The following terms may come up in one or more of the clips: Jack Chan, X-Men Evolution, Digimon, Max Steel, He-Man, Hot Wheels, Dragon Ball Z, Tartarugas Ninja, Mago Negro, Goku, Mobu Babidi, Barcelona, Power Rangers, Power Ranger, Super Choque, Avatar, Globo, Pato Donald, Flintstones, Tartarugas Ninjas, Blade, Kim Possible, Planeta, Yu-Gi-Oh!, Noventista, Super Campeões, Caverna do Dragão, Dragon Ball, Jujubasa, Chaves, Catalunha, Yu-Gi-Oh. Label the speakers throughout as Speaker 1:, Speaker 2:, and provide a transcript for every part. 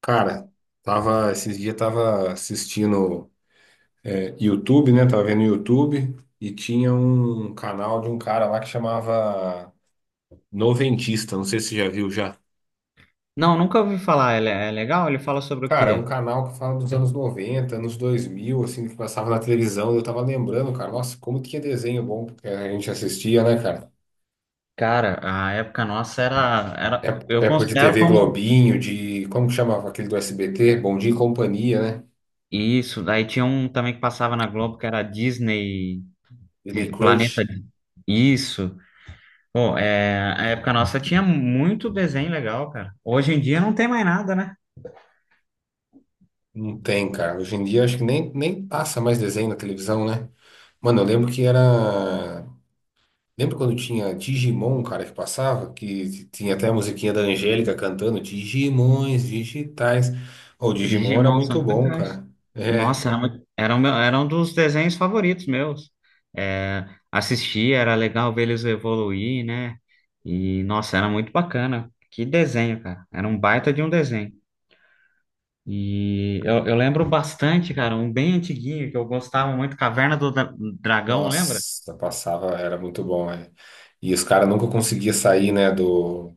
Speaker 1: Cara, esses dias tava assistindo YouTube, né? Tava vendo YouTube e tinha um canal de um cara lá que chamava Noventista, não sei se você já viu já.
Speaker 2: Não, nunca ouvi falar. Ele é legal? Ele fala sobre o
Speaker 1: Cara, é um
Speaker 2: quê?
Speaker 1: canal que fala dos anos 90, anos 2000, assim, que passava na televisão. Eu tava lembrando, cara, nossa, como tinha desenho bom que a gente assistia, né, cara?
Speaker 2: Cara, a época nossa era, eu
Speaker 1: Época de
Speaker 2: considero
Speaker 1: TV
Speaker 2: como
Speaker 1: Globinho, como que chamava aquele do SBT? Bom Dia e Companhia, né?
Speaker 2: isso. Daí tinha um também que passava na Globo que era Disney,
Speaker 1: Disney
Speaker 2: Planeta.
Speaker 1: Crush.
Speaker 2: Isso. Pô, é, a época nossa tinha muito desenho legal, cara. Hoje em dia não tem mais nada, né?
Speaker 1: Não tem, cara. Hoje em dia acho que nem passa mais desenho na televisão, né? Mano, eu lembro que era. Lembra quando tinha Digimon, cara, que passava? Que tinha até a musiquinha da Angélica cantando Digimons digitais. Ô, o Digimon era
Speaker 2: Digimon
Speaker 1: muito
Speaker 2: são
Speaker 1: bom,
Speaker 2: campeões.
Speaker 1: cara. É.
Speaker 2: Nossa, era, muito- era, o meu- era um dos desenhos favoritos meus. É, assistir, era legal ver eles evoluir, né? E, nossa, era muito bacana. Que desenho, cara. Era um baita de um desenho. E eu lembro bastante, cara, um bem antiguinho que eu gostava muito, Dragão, lembra?
Speaker 1: Nossa, passava, era muito bom, né? E os caras nunca conseguiam sair, né,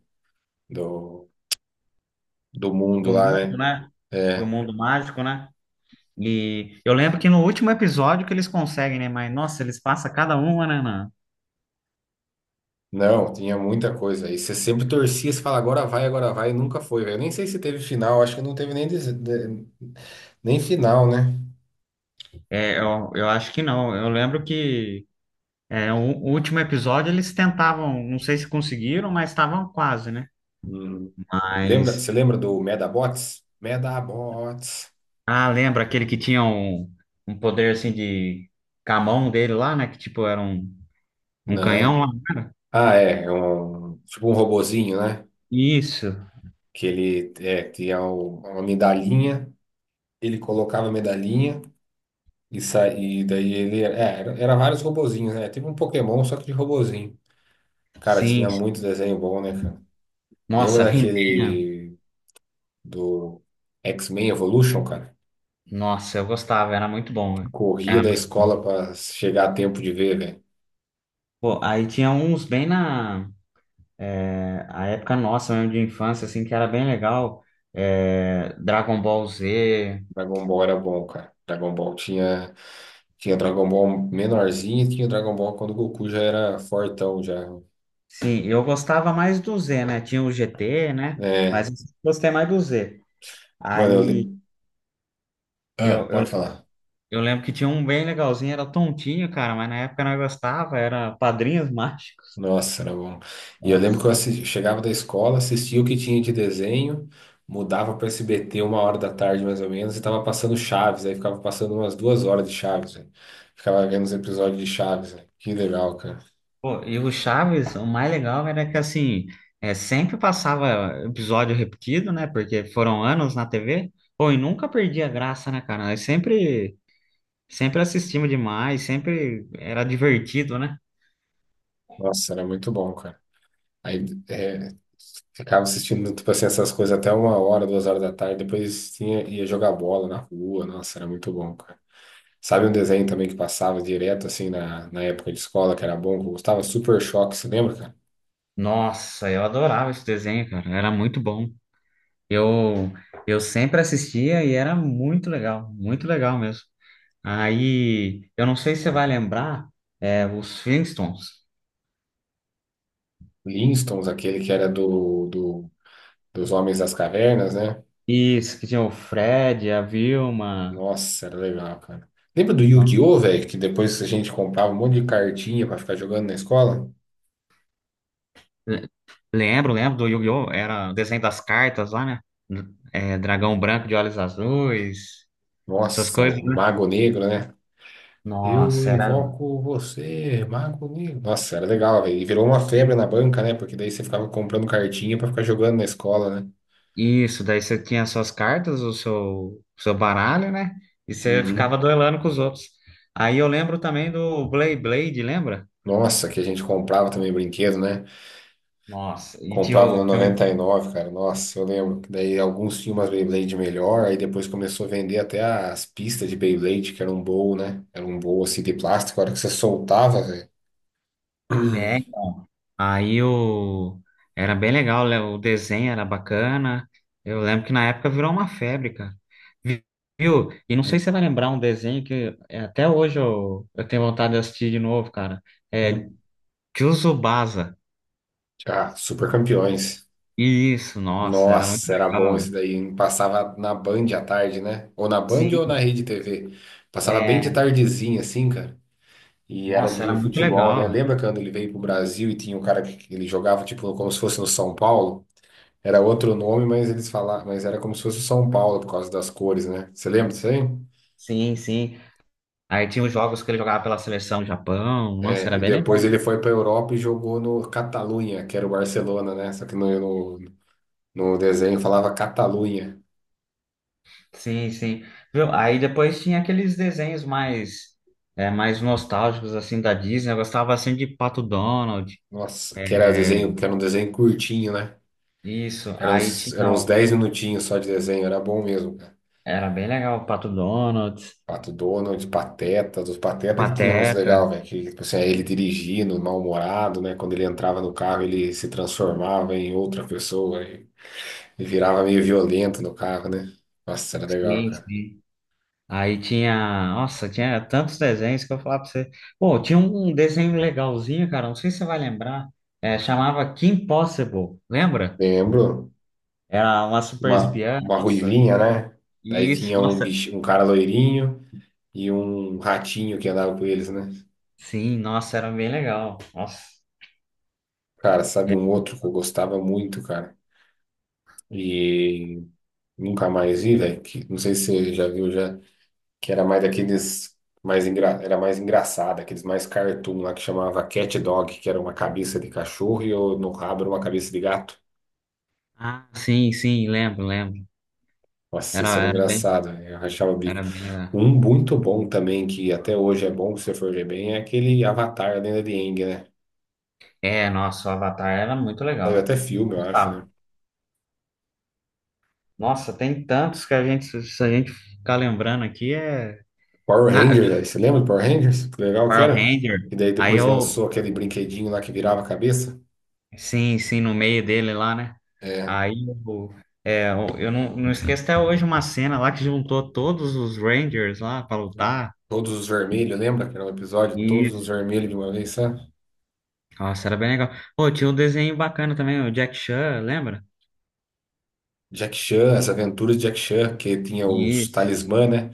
Speaker 1: do, do mundo
Speaker 2: Do
Speaker 1: lá,
Speaker 2: mundo,
Speaker 1: né?
Speaker 2: né? Do
Speaker 1: É.
Speaker 2: mundo mágico, né? E eu lembro que no último episódio que eles conseguem, né? Mas, nossa, eles passam cada uma, né?
Speaker 1: Não, tinha muita coisa. E você sempre torcia, você fala, agora vai, e nunca foi, velho. Eu nem sei se teve final, acho que não teve nem, nem final, né?
Speaker 2: Eu acho que não. Eu lembro que é, o último episódio eles tentavam, não sei se conseguiram, mas estavam quase, né?
Speaker 1: Hum. Lembra,
Speaker 2: Mas.
Speaker 1: você lembra do Medabots? Medabots.
Speaker 2: Ah, lembra aquele que tinha um, um poder assim de camão dele lá, né? Que tipo era um, um canhão lá?
Speaker 1: Não. Ah, é um, tipo um robozinho, né?
Speaker 2: Isso,
Speaker 1: Que ele é, tinha uma medalhinha, ele colocava a medalhinha e daí ele. É, era vários robozinhos, né? Tipo um Pokémon, só que de robozinho. Cara,
Speaker 2: sim.
Speaker 1: tinha muito
Speaker 2: Sim.
Speaker 1: desenho bom, né, cara? Lembra
Speaker 2: Nossa, He-Man.
Speaker 1: daquele. Do X-Men Evolution, cara.
Speaker 2: Nossa, eu gostava, era muito bom, velho.
Speaker 1: Corria
Speaker 2: Era
Speaker 1: da
Speaker 2: muito bom.
Speaker 1: escola pra chegar a tempo de ver, velho.
Speaker 2: Pô, aí tinha uns bem na é, a época nossa mesmo de infância, assim, que era bem legal. É, Dragon Ball Z.
Speaker 1: Dragon Ball era bom, cara. Dragon Ball tinha, tinha Dragon Ball menorzinho e tinha Dragon Ball quando o Goku já era fortão, já.
Speaker 2: Sim, eu gostava mais do Z, né? Tinha o GT, né?
Speaker 1: É,
Speaker 2: Mas eu gostei mais do Z.
Speaker 1: mano,
Speaker 2: Aí
Speaker 1: ah,
Speaker 2: eu, eu,
Speaker 1: pode falar.
Speaker 2: eu lembro que tinha um bem legalzinho, era tontinho, cara, mas na época nós gostava, era Padrinhos Mágicos.
Speaker 1: Nossa, era bom. E eu lembro que eu
Speaker 2: Nossa.
Speaker 1: assis- chegava da escola, assistia o que tinha de desenho, mudava para SBT 1 hora da tarde mais ou menos e tava passando Chaves, aí ficava passando umas 2 horas de Chaves, velho. Ficava vendo os episódios de Chaves, velho. Que legal, cara.
Speaker 2: Pô, e o Chaves, o mais legal era que assim, é, sempre passava episódio repetido, né? Porque foram anos na TV. Pô, e nunca perdia a graça, né, cara? Nós sempre, sempre assistimos demais, sempre era divertido, né?
Speaker 1: Nossa, era muito bom, cara. Aí é, ficava assistindo, tipo assim, essas coisas até 1 hora, 2 horas da tarde, depois tinha, ia jogar bola na rua. Nossa, era muito bom, cara. Sabe um desenho também que passava direto, assim, na época de escola, que era bom, que eu gostava? Super Choque, você lembra, cara?
Speaker 2: Nossa, eu adorava esse desenho, cara. Era muito bom. Eu, eu sempre assistia e era muito legal mesmo. Aí, eu não sei se você vai lembrar, é, os Flintstones.
Speaker 1: Flintstones, aquele que era dos Homens das Cavernas, né?
Speaker 2: Isso, que tinha o Fred, a Vilma.
Speaker 1: Nossa, era legal, cara. Lembra do
Speaker 2: Não.
Speaker 1: Yu-Gi-Oh, velho? Que depois a gente comprava um monte de cartinha pra ficar jogando na escola?
Speaker 2: Le- Lembro, lembro do Yu-Gi-Oh! Era o desenho das cartas lá, né? É, dragão branco de olhos azuis, essas
Speaker 1: Nossa,
Speaker 2: coisas,
Speaker 1: o
Speaker 2: né?
Speaker 1: Mago Negro, né? Eu
Speaker 2: Nossa, era.
Speaker 1: invoco você, Mago Negro. Nossa, era legal, velho. E virou uma febre na banca, né? Porque daí você ficava comprando cartinha pra ficar jogando na escola, né?
Speaker 2: Isso, daí você tinha suas cartas, o seu, seu baralho, né? E você ficava
Speaker 1: Uhum.
Speaker 2: duelando com os outros. Aí eu lembro também do Blade Blade, lembra?
Speaker 1: Nossa, que a gente comprava também brinquedo, né?
Speaker 2: Nossa, e tinha
Speaker 1: Comprava no
Speaker 2: o, tinha o-
Speaker 1: 99, cara. Nossa, eu lembro que daí alguns tinham umas Beyblade melhor, aí depois começou a vender até as pistas de Beyblade, que era um bowl, né? Era um bowl assim de plástico, a hora que você soltava, velho.
Speaker 2: é, aí o era bem legal, né? O desenho era bacana. Eu lembro que na época virou uma febre, cara. Vi- Viu? E não sei se você
Speaker 1: Hum,
Speaker 2: vai lembrar um desenho que é, até hoje eu tenho vontade de assistir de novo, cara. É,
Speaker 1: hum.
Speaker 2: Jujubasa.
Speaker 1: Ah, super campeões.
Speaker 2: Isso, nossa, era muito
Speaker 1: Nossa, era bom isso
Speaker 2: legal.
Speaker 1: daí, hein? Passava na Band à tarde, né? Ou na Band ou na
Speaker 2: Sim,
Speaker 1: Rede TV. Passava bem de
Speaker 2: é.
Speaker 1: tardezinha, assim, cara. E era
Speaker 2: Nossa, era
Speaker 1: de
Speaker 2: muito
Speaker 1: futebol, né?
Speaker 2: legal.
Speaker 1: Lembra quando ele veio pro Brasil e tinha um cara que ele jogava, tipo, como se fosse no São Paulo? Era outro nome, mas eles falavam, mas era como se fosse o São Paulo por causa das cores, né? Você lembra disso aí?
Speaker 2: Sim, sim. Aí tinha os jogos que ele jogava pela seleção do Japão. Nossa,
Speaker 1: É,
Speaker 2: era
Speaker 1: e
Speaker 2: bem legal,
Speaker 1: depois
Speaker 2: né?
Speaker 1: ele foi pra Europa e jogou no Catalunha, que era o Barcelona, né? Só que no, no desenho falava Catalunha.
Speaker 2: Sim, sim. Viu? Aí depois tinha aqueles desenhos mais, é, mais nostálgicos, assim, da Disney. Eu gostava, assim, de Pato Donald.
Speaker 1: Nossa, que era
Speaker 2: É,
Speaker 1: desenho, que era um desenho curtinho, né?
Speaker 2: isso.
Speaker 1: Eram
Speaker 2: Aí
Speaker 1: uns, eram
Speaker 2: tinha...
Speaker 1: uns 10 minutinhos só de desenho, era bom mesmo, cara.
Speaker 2: era bem legal o Pato Donald,
Speaker 1: Pato Donald, Pateta, dos Pateta que tinha uns
Speaker 2: Pateta.
Speaker 1: legal, velho, que tipo assim, ele dirigindo, mal-humorado, né? Quando ele entrava no carro, ele se transformava em outra pessoa e virava meio violento no carro, né? Nossa, era legal,
Speaker 2: Sim,
Speaker 1: cara.
Speaker 2: sim. Aí tinha, nossa, tinha tantos desenhos que eu falava pra você. Pô, tinha um desenho legalzinho, cara, não sei se você vai lembrar. É, chamava Kim Possible, lembra?
Speaker 1: Lembro,
Speaker 2: Era uma super espiã,
Speaker 1: uma
Speaker 2: nossa.
Speaker 1: ruivinha, né? Daí
Speaker 2: Isso,
Speaker 1: tinha um
Speaker 2: nossa.
Speaker 1: bicho, um cara loirinho e um ratinho que andava com eles, né?
Speaker 2: Sim, nossa, era bem legal. Nossa.
Speaker 1: Cara, sabe
Speaker 2: É.
Speaker 1: um outro que eu gostava muito, cara? E nunca mais vi, velho. Não sei se você já viu já, que era mais daqueles mais era mais engraçado, aqueles mais cartoon lá que chamava Cat Dog, que era uma cabeça de cachorro e eu, no rabo era uma cabeça de gato.
Speaker 2: Ah, sim, sim, lembro, lembro.
Speaker 1: Nossa, isso
Speaker 2: Era,
Speaker 1: era
Speaker 2: era bem,
Speaker 1: engraçado, né? Eu rachava o bico.
Speaker 2: era bem legal.
Speaker 1: Um muito bom também, que até hoje é bom se você for ver bem, é aquele Avatar, a Lenda de Aang, né?
Speaker 2: É, nossa, o Avatar era muito
Speaker 1: Saiu
Speaker 2: legal.
Speaker 1: até
Speaker 2: Eu
Speaker 1: filme, eu acho, né?
Speaker 2: gostava. Nossa, tem tantos que a gente, se a gente ficar lembrando aqui, é.
Speaker 1: Power
Speaker 2: Ah,
Speaker 1: Rangers, aí, você lembra do Power Rangers? Que legal que
Speaker 2: Power
Speaker 1: era?
Speaker 2: Ranger.
Speaker 1: E daí
Speaker 2: Aí
Speaker 1: depois
Speaker 2: eu,
Speaker 1: lançou aquele brinquedinho lá que virava a cabeça.
Speaker 2: sim, sim, no meio dele lá, né?
Speaker 1: É,
Speaker 2: Aí eu, é, eu não esqueço até hoje uma cena lá que juntou todos os Rangers lá pra lutar.
Speaker 1: Todos os Vermelhos, lembra? Que era um episódio, Todos os
Speaker 2: Isso.
Speaker 1: Vermelhos de uma vez, sabe?
Speaker 2: Nossa, era bem legal. Pô, tinha um desenho bacana também, o Jack Chan, lembra?
Speaker 1: Jack Chan, as aventuras de Jack Chan, que tinha os
Speaker 2: Isso,
Speaker 1: talismã, né?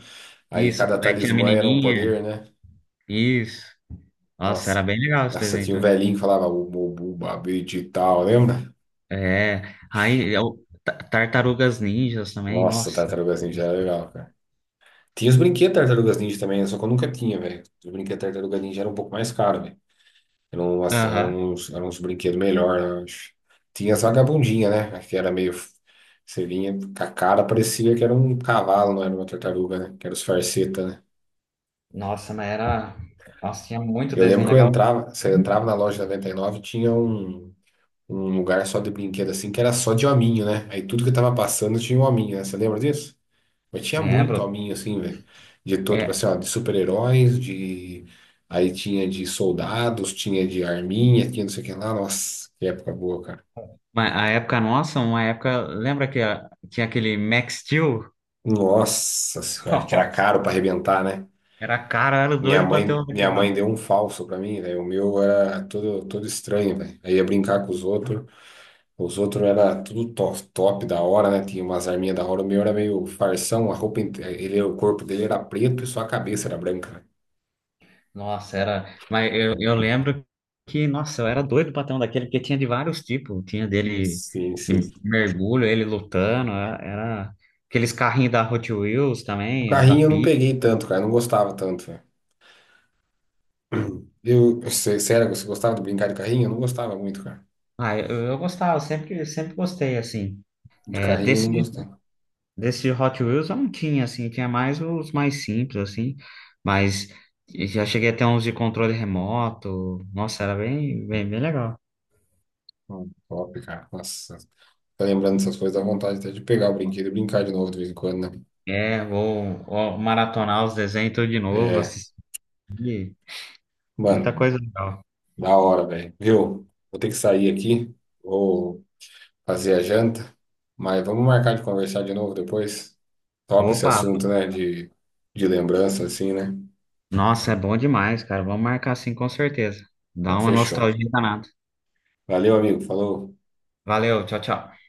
Speaker 1: Aí
Speaker 2: isso.
Speaker 1: cada
Speaker 2: Daí tinha a
Speaker 1: talismã era um
Speaker 2: menininha.
Speaker 1: poder, né?
Speaker 2: Isso. Nossa, era
Speaker 1: Nossa,
Speaker 2: bem legal esse
Speaker 1: nossa,
Speaker 2: desenho
Speaker 1: tinha o
Speaker 2: também.
Speaker 1: velhinho que falava o Mobu Babidi e tal, lembra?
Speaker 2: É, aí eu, Tartarugas Ninjas também,
Speaker 1: Nossa,
Speaker 2: nossa.
Speaker 1: Tartarugas Ninja era legal, cara. Tinha os brinquedos Tartarugas Ninja também, só que eu nunca tinha, velho. Os brinquedos Tartarugas Ninja eram um pouco mais caros. Era um, era
Speaker 2: Aham.
Speaker 1: uns, era uns brinquedos melhor, eu acho. Tinha as vagabundinhas, né? Que era meio. Você vinha com a cara, parecia que era um cavalo, não era uma tartaruga, né? Que era os farsetas, né?
Speaker 2: Nossa, mas era. Nossa, tinha muito
Speaker 1: Eu lembro
Speaker 2: desenho
Speaker 1: que eu
Speaker 2: legal.
Speaker 1: entrava, você entrava na loja 99 tinha um lugar só de brinquedo assim, que era só de hominho, né? Aí tudo que tava passando tinha um hominho, né? Você lembra disso? Mas tinha muito
Speaker 2: Lembro.
Speaker 1: hominho assim, velho. De todo, tipo assim, ó, de super-heróis, de. Aí tinha de soldados, tinha de arminha, tinha não sei o que lá. Nossa, que época boa.
Speaker 2: Mas a época nossa, uma época. Lembra que a- tinha aquele Max Steel?
Speaker 1: Nossa senhora, que era
Speaker 2: Nossa,
Speaker 1: caro para arrebentar, né?
Speaker 2: era caro, eu era
Speaker 1: Minha
Speaker 2: doido pra ter
Speaker 1: mãe,
Speaker 2: um
Speaker 1: minha
Speaker 2: daquele
Speaker 1: mãe
Speaker 2: lá.
Speaker 1: deu um falso para mim, velho. O meu era todo, todo estranho, velho. Aí ia brincar com os outros. Os outros era tudo top, top da hora, né? Tinha umas arminhas da hora. O meu era meio farsão, a roupa, ele, o corpo dele era preto e só a cabeça era branca, né?
Speaker 2: Nossa, era. Mas eu lembro que, nossa, eu era doido pra ter um daquele, porque tinha de vários tipos. Tinha dele
Speaker 1: Sim,
Speaker 2: de
Speaker 1: sim.
Speaker 2: mergulho, ele lutando. Era, era aqueles carrinhos da Hot Wheels
Speaker 1: O
Speaker 2: também, da
Speaker 1: carrinho eu não
Speaker 2: Pi.
Speaker 1: peguei tanto, cara. Eu não gostava tanto, velho. Sério, você gostava de brincar de carrinho? Eu não gostava muito, cara.
Speaker 2: Ah, eu gostava, sempre, sempre gostei, assim.
Speaker 1: De
Speaker 2: É,
Speaker 1: carrinho eu
Speaker 2: desse.
Speaker 1: não gostava.
Speaker 2: Desse Hot Wheels eu não tinha, assim, tinha mais os mais simples, assim, mas já cheguei a ter uns de controle remoto, nossa, era bem, bem, bem legal.
Speaker 1: Top, cara. Nossa, tá lembrando essas coisas, dá vontade até de pegar o brinquedo e brincar de novo de vez em quando, né?
Speaker 2: É, vou, vou maratonar os desenhos tudo de novo,
Speaker 1: É,
Speaker 2: assistir, muita
Speaker 1: mano,
Speaker 2: coisa legal.
Speaker 1: da hora, velho. Viu? Vou ter que sair aqui, vou fazer a janta, mas vamos marcar de conversar de novo depois. Top esse
Speaker 2: Opa,
Speaker 1: assunto, né? De lembrança, assim, né?
Speaker 2: nossa, é bom demais, cara, vamos marcar assim com certeza. Dá
Speaker 1: Então,
Speaker 2: uma
Speaker 1: fechou.
Speaker 2: nostalgia danada.
Speaker 1: Valeu, amigo. Falou.
Speaker 2: Valeu, tchau, tchau.